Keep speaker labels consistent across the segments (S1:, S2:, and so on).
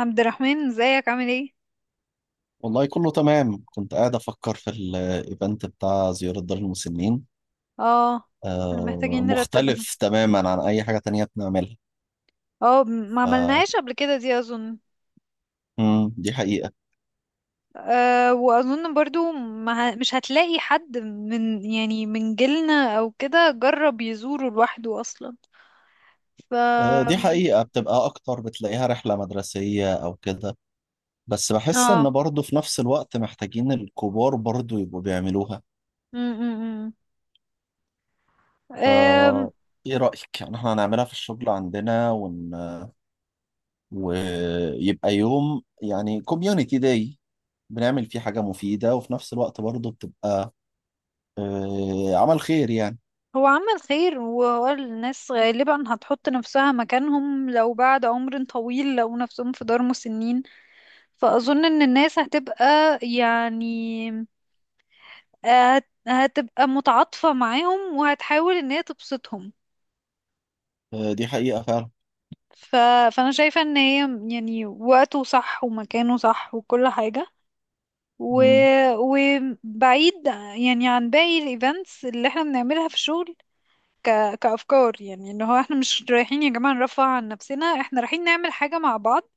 S1: عبد الرحمن، ازيك؟ عامل ايه؟
S2: والله كله تمام. كنت قاعد أفكر في الإيفنت بتاع زيارة دار المسنين.
S1: اه، احنا
S2: آه،
S1: محتاجين نرتبها.
S2: مختلف تماما عن أي حاجة تانية بنعملها.
S1: اه، ما
S2: ف...
S1: عملناهاش قبل كده دي اظن.
S2: دي حقيقة.
S1: أه، واظن برضو ما ه- مش هتلاقي حد من يعني من جيلنا او كده جرب يزوره لوحده اصلا. ف
S2: آه،
S1: اه
S2: دي حقيقة، بتبقى أكتر بتلاقيها رحلة مدرسية أو كده، بس بحس إن برضه في نفس الوقت محتاجين الكبار برضه يبقوا بيعملوها.
S1: م- م- م. أم،
S2: ف إيه رأيك؟ يعني إحنا هنعملها في الشغل عندنا ويبقى يوم، يعني كوميونيتي داي، بنعمل فيه حاجة مفيدة وفي نفس الوقت برضه بتبقى آه، عمل خير يعني.
S1: هو عمل خير، وهو الناس غالبا هتحط نفسها مكانهم لو بعد عمر طويل لو نفسهم في دار مسنين. فأظن إن الناس هتبقى، يعني هتبقى متعاطفة معاهم وهتحاول ان هي تبسطهم.
S2: آه، دي حقيقة فعلا.
S1: ف... فانا شايفة ان هي يعني وقته صح ومكانه صح وكل حاجة، و...
S2: مم.
S1: وبعيد يعني عن باقي الايفنتس اللي احنا بنعملها في الشغل. كأفكار، يعني ان هو احنا مش رايحين يا جماعة نرفع عن نفسنا، احنا رايحين نعمل حاجة مع بعض.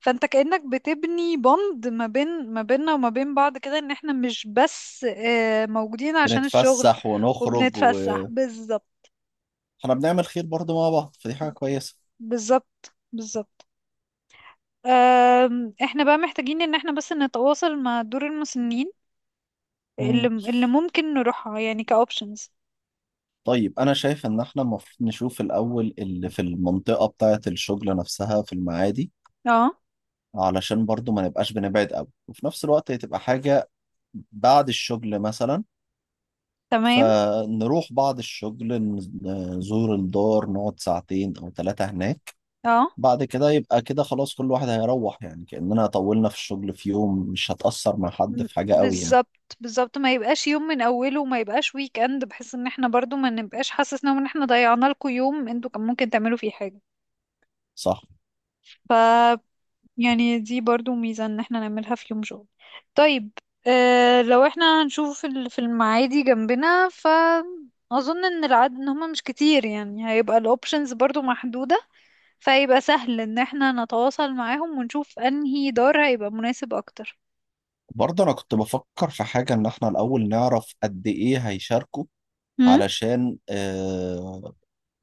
S1: فانت كأنك بتبني بوند ما بين ما بيننا وما بين بعض كده، ان احنا مش بس موجودين عشان الشغل.
S2: بنتفسح ونخرج
S1: وبنتفسح
S2: واحنا
S1: بالظبط.
S2: بنعمل خير برضه مع بعض، فدي حاجة كويسة.
S1: بالظبط، بالظبط. احنا بقى محتاجين ان احنا بس نتواصل مع دور المسنين اللي
S2: مم.
S1: اللي ممكن نروحها يعني كاوبشنز.
S2: طيب، أنا شايف إن احنا المفروض نشوف الأول اللي في المنطقة بتاعة الشغل نفسها، في المعادي،
S1: اه،
S2: علشان برضه ما نبقاش بنبعد قوي، وفي نفس الوقت هي تبقى حاجة بعد الشغل مثلا.
S1: تمام.
S2: فنروح بعد الشغل، نزور الدار، نقعد ساعتين أو ثلاثة هناك،
S1: اه،
S2: بعد كده يبقى كده خلاص، كل واحد هيروح، يعني كأننا طولنا في الشغل في يوم، مش هتأثر مع حد في حاجة قوي يعني.
S1: بالظبط، بالظبط. ما يبقاش يوم من اوله وما يبقاش ويك اند، بحيث ان احنا برضو ما نبقاش حاسسنا ان احنا ضيعنا لكم يوم انتوا كان ممكن تعملوا فيه
S2: صح.
S1: حاجة. يعني دي برضو ميزة ان احنا نعملها في يوم شغل. طيب. اه، لو احنا هنشوف في في المعادي جنبنا، ف اظن ان العدد ان هما مش كتير، يعني هيبقى الاوبشنز برضو محدودة. فهيبقى سهل ان احنا نتواصل معاهم ونشوف انهي دار هيبقى مناسب اكتر.
S2: برضه أنا كنت بفكر في حاجة، إن إحنا الأول نعرف قد إيه هيشاركوا،
S1: هم؟
S2: علشان آه،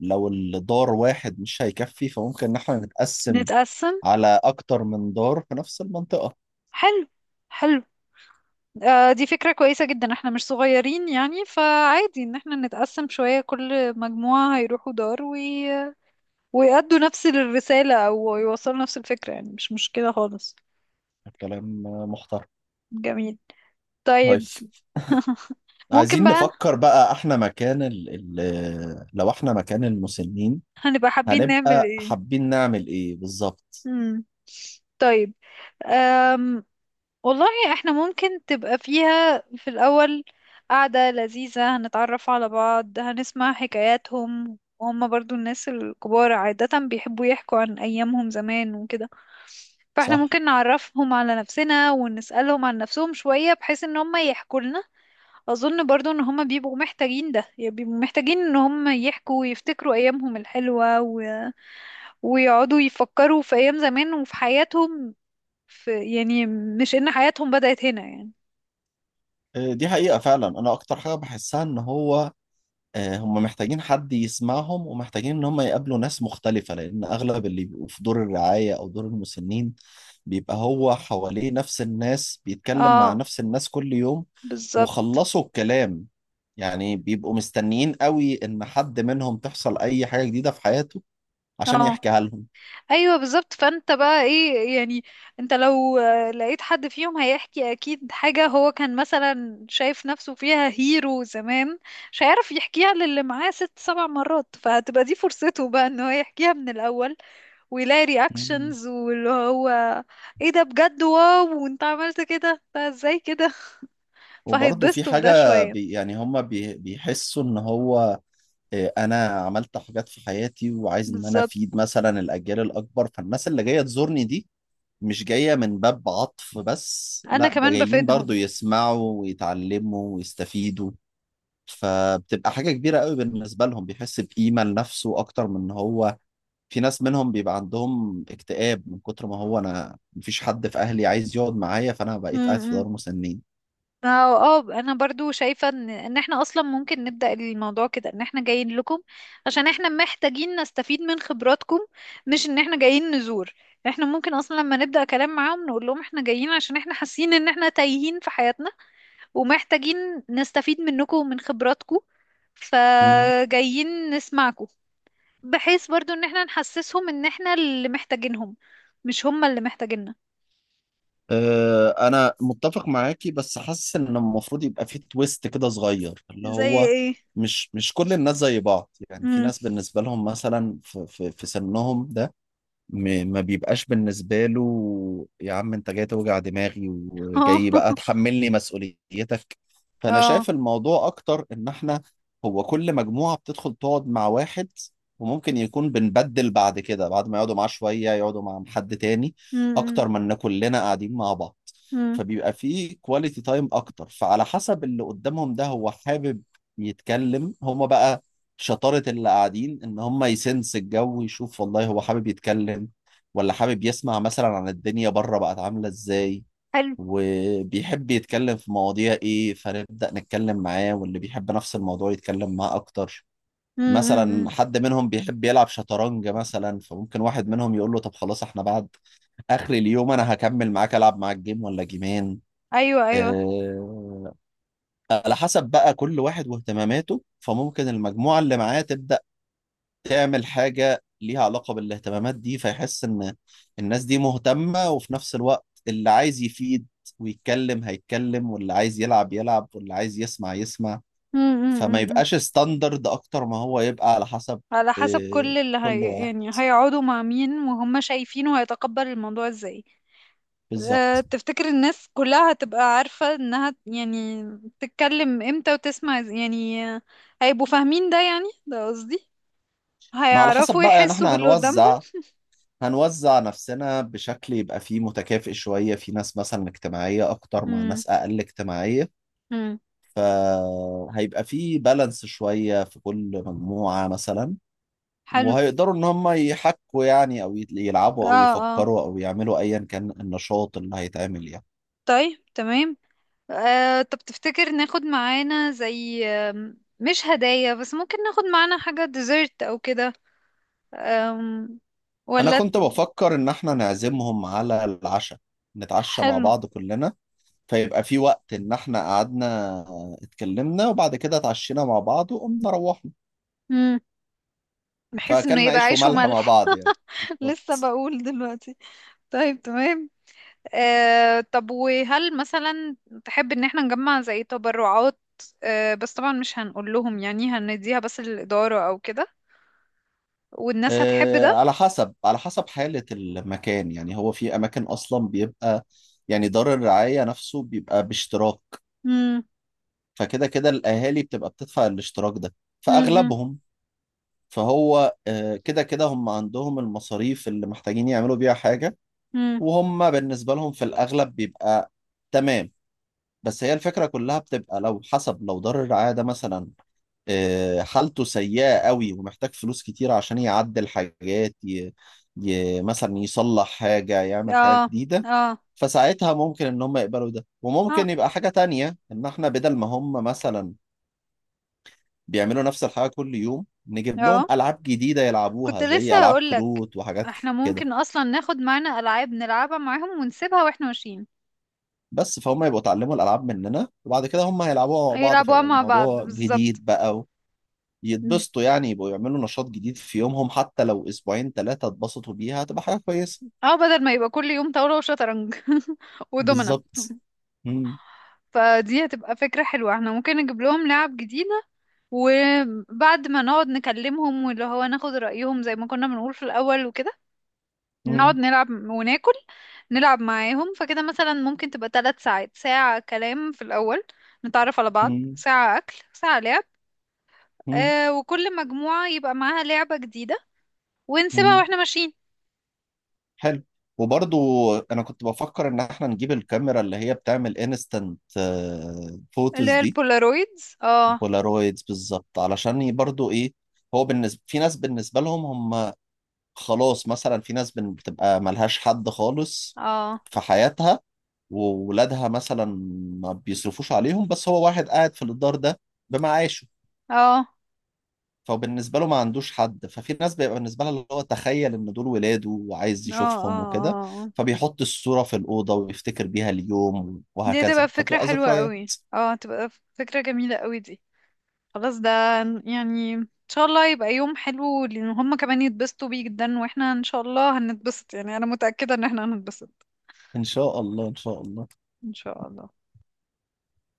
S2: لو الدار واحد مش هيكفي، فممكن إن إحنا نتقسم
S1: نتقسم.
S2: على أكتر من دار في نفس المنطقة.
S1: حلو، حلو. آه، دي فكرة كويسة جدا، احنا مش صغيرين يعني، فعادي ان احنا نتقسم شوية. كل مجموعة هيروحوا دار ويأدوا نفس الرسالة أو يوصلوا نفس الفكرة، يعني مش مشكلة خالص.
S2: كلام محترم.
S1: جميل.
S2: طيب،
S1: طيب. ممكن
S2: عايزين
S1: بقى.
S2: نفكر بقى إحنا مكان ال لو إحنا مكان المسنين،
S1: هنبقى حابين نعمل
S2: هنبقى
S1: ايه؟
S2: حابين نعمل إيه بالظبط.
S1: مم. طيب. أم. والله، احنا ممكن تبقى فيها في الأول قعدة لذيذة، هنتعرف على بعض، هنسمع حكاياتهم، وهم برضو الناس الكبار عادة بيحبوا يحكوا عن أيامهم زمان وكده. فاحنا
S2: صح.
S1: ممكن نعرفهم على نفسنا ونسألهم عن نفسهم شوية بحيث ان هم يحكوا لنا. اظن برضو ان هما بيبقوا محتاجين ده، يعني بيبقوا محتاجين ان هما يحكوا ويفتكروا ايامهم الحلوة ويقعدوا يفكروا في ايام زمان وفي حياتهم، في يعني مش ان حياتهم بدأت هنا يعني.
S2: آه، دي حقيقة فعلا، أنا أكتر حاجة بحسها إن هو آه، هم محتاجين حد يسمعهم، ومحتاجين إن هم يقابلوا ناس مختلفة، لأن أغلب اللي بيبقوا في دور الرعاية أو دور المسنين بيبقى هو حواليه نفس الناس، بيتكلم مع
S1: اه،
S2: نفس الناس كل يوم،
S1: بالظبط.
S2: وخلصوا الكلام، يعني بيبقوا مستنيين قوي إن حد منهم تحصل أي حاجة جديدة في حياته عشان
S1: اه،
S2: يحكيها لهم.
S1: ايوه بالظبط. فانت بقى ايه يعني؟ انت لو لقيت حد فيهم هيحكي اكيد حاجة هو كان مثلا شايف نفسه فيها هيرو زمان، مش هيعرف يحكيها للي معاه ست سبع مرات، فهتبقى دي فرصته بقى ان هو يحكيها من الاول ويلاقي
S2: مم.
S1: رياكشنز، واللي هو ايه ده بجد؟ واو، وانت عملت كده؟ ده ازاي كده؟
S2: وبرضه في
S1: فهيتبسطوا بده
S2: حاجة بي
S1: شوية.
S2: يعني هم بيحسوا إن هو إيه، انا عملت حاجات في حياتي وعايز ان انا
S1: بالظبط،
S2: افيد مثلا الاجيال الاكبر، فالناس اللي جايه تزورني دي مش جايه من باب عطف بس،
S1: انا
S2: لا، ده
S1: كمان
S2: جايين برضو
S1: بفيدهم.
S2: يسمعوا ويتعلموا ويستفيدوا. فبتبقى حاجه كبيره قوي بالنسبه لهم، بيحس بقيمه لنفسه، اكتر من ان هو في ناس منهم بيبقى عندهم اكتئاب من كتر ما هو انا مفيش حد في اهلي عايز يقعد معايا، فانا
S1: م-
S2: بقيت قاعد في
S1: م.
S2: دار مسنين.
S1: ما هو، اه، انا برضو شايفة ان احنا اصلا ممكن نبدأ الموضوع كده، ان احنا جايين لكم عشان احنا محتاجين نستفيد من خبراتكم، مش ان احنا جايين نزور. احنا ممكن اصلا لما نبدأ كلام معاهم نقول لهم احنا جايين عشان احنا حاسين ان احنا تايهين في حياتنا ومحتاجين نستفيد منكم ومن خبراتكم، فجايين نسمعكم، بحيث برضو ان احنا نحسسهم ان احنا اللي محتاجينهم، مش هم اللي محتاجيننا.
S2: آه، انا متفق معاكي، بس حاسس ان المفروض يبقى في تويست كده صغير، اللي
S1: زي
S2: هو
S1: ايه؟
S2: مش كل الناس زي بعض، يعني في
S1: امم.
S2: ناس بالنسبه لهم مثلا في سنهم ده ما بيبقاش بالنسبة له يا عم انت جاي توجع دماغي
S1: اه،
S2: وجاي بقى تحملني مسؤوليتك. فانا
S1: اه.
S2: شايف الموضوع اكتر ان احنا هو كل مجموعة بتدخل تقعد مع واحد، وممكن يكون بنبدل بعد كده، بعد ما يقعدوا معاه شوية يقعدوا مع حد تاني، اكتر من ان كلنا قاعدين مع بعض،
S1: امم.
S2: فبيبقى فيه كواليتي تايم اكتر. فعلى حسب اللي قدامهم ده، هو حابب يتكلم هما بقى، شطارة اللي قاعدين إن هم يسنس الجو، يشوف والله هو حابب يتكلم ولا حابب يسمع مثلا عن الدنيا بره بقت عاملة إزاي،
S1: حلو.
S2: وبيحب يتكلم في مواضيع إيه، فنبدأ نتكلم معاه، واللي بيحب نفس الموضوع يتكلم معاه أكتر.
S1: امم.
S2: مثلا حد منهم بيحب يلعب شطرنج مثلا، فممكن واحد منهم يقول له طب خلاص، احنا بعد آخر اليوم أنا هكمل معاك، ألعب معاك جيم ولا جيمين.
S1: ايوه، ايوه.
S2: آه، على حسب بقى كل واحد واهتماماته، فممكن المجموعة اللي معاه تبدأ تعمل حاجة ليها علاقة بالاهتمامات دي، فيحس إن الناس دي مهتمة، وفي نفس الوقت اللي عايز يفيد ويتكلم هيتكلم، واللي عايز يلعب يلعب، واللي عايز يسمع يسمع. فما
S1: امم.
S2: يبقاش ستاندرد أكتر، ما هو يبقى على حسب
S1: على حسب
S2: آه،
S1: كل اللي
S2: كل
S1: هي
S2: واحد.
S1: يعني هيقعدوا مع مين وهم شايفينه هيتقبل الموضوع ازاي. أه،
S2: بالظبط.
S1: تفتكر الناس كلها هتبقى عارفة انها يعني تتكلم امتى وتسمع يعني هيبقوا فاهمين ده؟ يعني ده قصدي،
S2: ما على حسب
S1: هيعرفوا
S2: بقى، يعني
S1: يحسوا
S2: احنا
S1: باللي قدامهم؟
S2: هنوزع، هنوزع نفسنا بشكل يبقى فيه متكافئ شوية، في ناس مثلا اجتماعية أكتر مع
S1: امم.
S2: ناس أقل اجتماعية،
S1: امم.
S2: فهيبقى فيه بالانس شوية في كل مجموعة مثلا.
S1: حلو.
S2: وهيقدروا ان هم يحكوا يعني، او يلعبوا او
S1: اه، اه.
S2: يفكروا او يعملوا ايا كان النشاط اللي هيتعمل يعني.
S1: طيب، تمام. طب تفتكر ناخد معانا زي مش هدايا بس ممكن ناخد معانا حاجة ديزرت او كده؟ آم،
S2: انا
S1: ولا؟
S2: كنت بفكر ان احنا نعزمهم على العشاء، نتعشى مع
S1: حلو.
S2: بعض كلنا، فيبقى في وقت ان احنا قعدنا اتكلمنا، وبعد كده اتعشينا مع بعض وقمنا روحنا.
S1: مم. بحيث انه
S2: فاكلنا
S1: يبقى
S2: عيش
S1: عيش
S2: وملح مع
S1: وملح.
S2: بعض يعني.
S1: لسه
S2: بالظبط.
S1: بقول دلوقتي. طيب، تمام. طب وهل مثلا تحب ان احنا نجمع زي تبرعات؟ بس طبعا مش هنقول لهم يعني، هنديها بس للإدارة او كده. والناس هتحب
S2: آه،
S1: ده؟
S2: على حسب، على حسب حالة المكان، يعني هو في اماكن اصلا بيبقى يعني دار الرعاية نفسه بيبقى باشتراك،
S1: مم.
S2: فكده كده الأهالي بتبقى بتدفع الاشتراك ده،
S1: مم. مم.
S2: فأغلبهم فهو آه، كده كده هم عندهم المصاريف اللي محتاجين يعملوا بيها حاجة،
S1: مم.
S2: وهم بالنسبة لهم في الأغلب بيبقى تمام. بس هي الفكرة كلها بتبقى لو حسب، لو دار الرعاية ده مثلا آه، حالته سيئة قوي ومحتاج فلوس كتير عشان يعدل حاجات مثلا يصلح حاجة، يعمل حاجة
S1: اه،
S2: جديدة.
S1: اه،
S2: فساعتها ممكن ان هم يقبلوا ده.
S1: اه،
S2: وممكن يبقى حاجة تانية، ان احنا بدل ما هم مثلا بيعملوا نفس الحاجة كل يوم، نجيب لهم
S1: اه.
S2: ألعاب جديدة
S1: كنت
S2: يلعبوها، زي
S1: لسه
S2: ألعاب
S1: هقولك،
S2: كروت وحاجات
S1: احنا
S2: كده.
S1: ممكن اصلا ناخد معانا العاب نلعبها معاهم ونسيبها واحنا ماشيين.
S2: بس فهم يبقوا اتعلموا الألعاب مننا، وبعد كده هم هيلعبوها مع بعض،
S1: يلعبوها
S2: فيبقى
S1: مع بعض
S2: الموضوع
S1: بالظبط.
S2: جديد بقى، يتبسطوا يعني، يبقوا يعملوا نشاط جديد في يومهم، حتى لو أسبوعين ثلاثة اتبسطوا بيها هتبقى حاجة كويسة.
S1: اه، بدل ما يبقى كل يوم طاولة وشطرنج. ودومنا.
S2: بالظبط. مم،
S1: فدي هتبقى فكرة حلوة، احنا ممكن نجيب لهم لعب جديدة، وبعد ما نقعد نكلمهم واللي هو ناخد رأيهم زي ما كنا بنقول في الأول وكده، نقعد
S2: مم،
S1: نلعب وناكل، نلعب معاهم. فكده مثلا ممكن تبقى 3 ساعات، ساعة كلام في الأول نتعرف على بعض،
S2: مم،
S1: ساعة أكل، ساعة لعب.
S2: مم،
S1: وكل مجموعة يبقى معاها لعبة جديدة ونسيبها
S2: مم.
S1: واحنا ماشيين.
S2: حلو. وبرضو انا كنت بفكر ان احنا نجيب الكاميرا اللي هي بتعمل انستنت
S1: اللي
S2: فوتوز
S1: هي
S2: دي.
S1: البولارويدز. اه،
S2: بولارويدز بالظبط. علشان برضو ايه، هو بالنسبة في ناس بالنسبة لهم هم خلاص مثلا، في ناس بتبقى ملهاش حد خالص
S1: اه،
S2: في حياتها، وولادها مثلا ما بيصرفوش عليهم، بس هو واحد قاعد في الدار ده بمعاشه،
S1: اه، اه،
S2: فبالنسبة له ما عندوش حد. ففي ناس بيبقى بالنسبة لها اللي هو تخيل ان دول ولاده وعايز
S1: اه،
S2: يشوفهم وكده،
S1: اه،
S2: فبيحط الصورة في الأوضة ويفتكر بيها اليوم،
S1: دي هتبقى
S2: وهكذا
S1: فكرة
S2: فتبقى
S1: حلوة
S2: ذكريات.
S1: قوي. اه، هتبقى فكرة جميلة قوي دي. خلاص ده، يعني ان شاء الله يبقى يوم حلو لان هما كمان يتبسطوا بيه جدا، واحنا ان شاء الله هنتبسط، يعني انا متأكدة ان احنا هنتبسط
S2: إن شاء الله، إن شاء الله.
S1: ان شاء الله.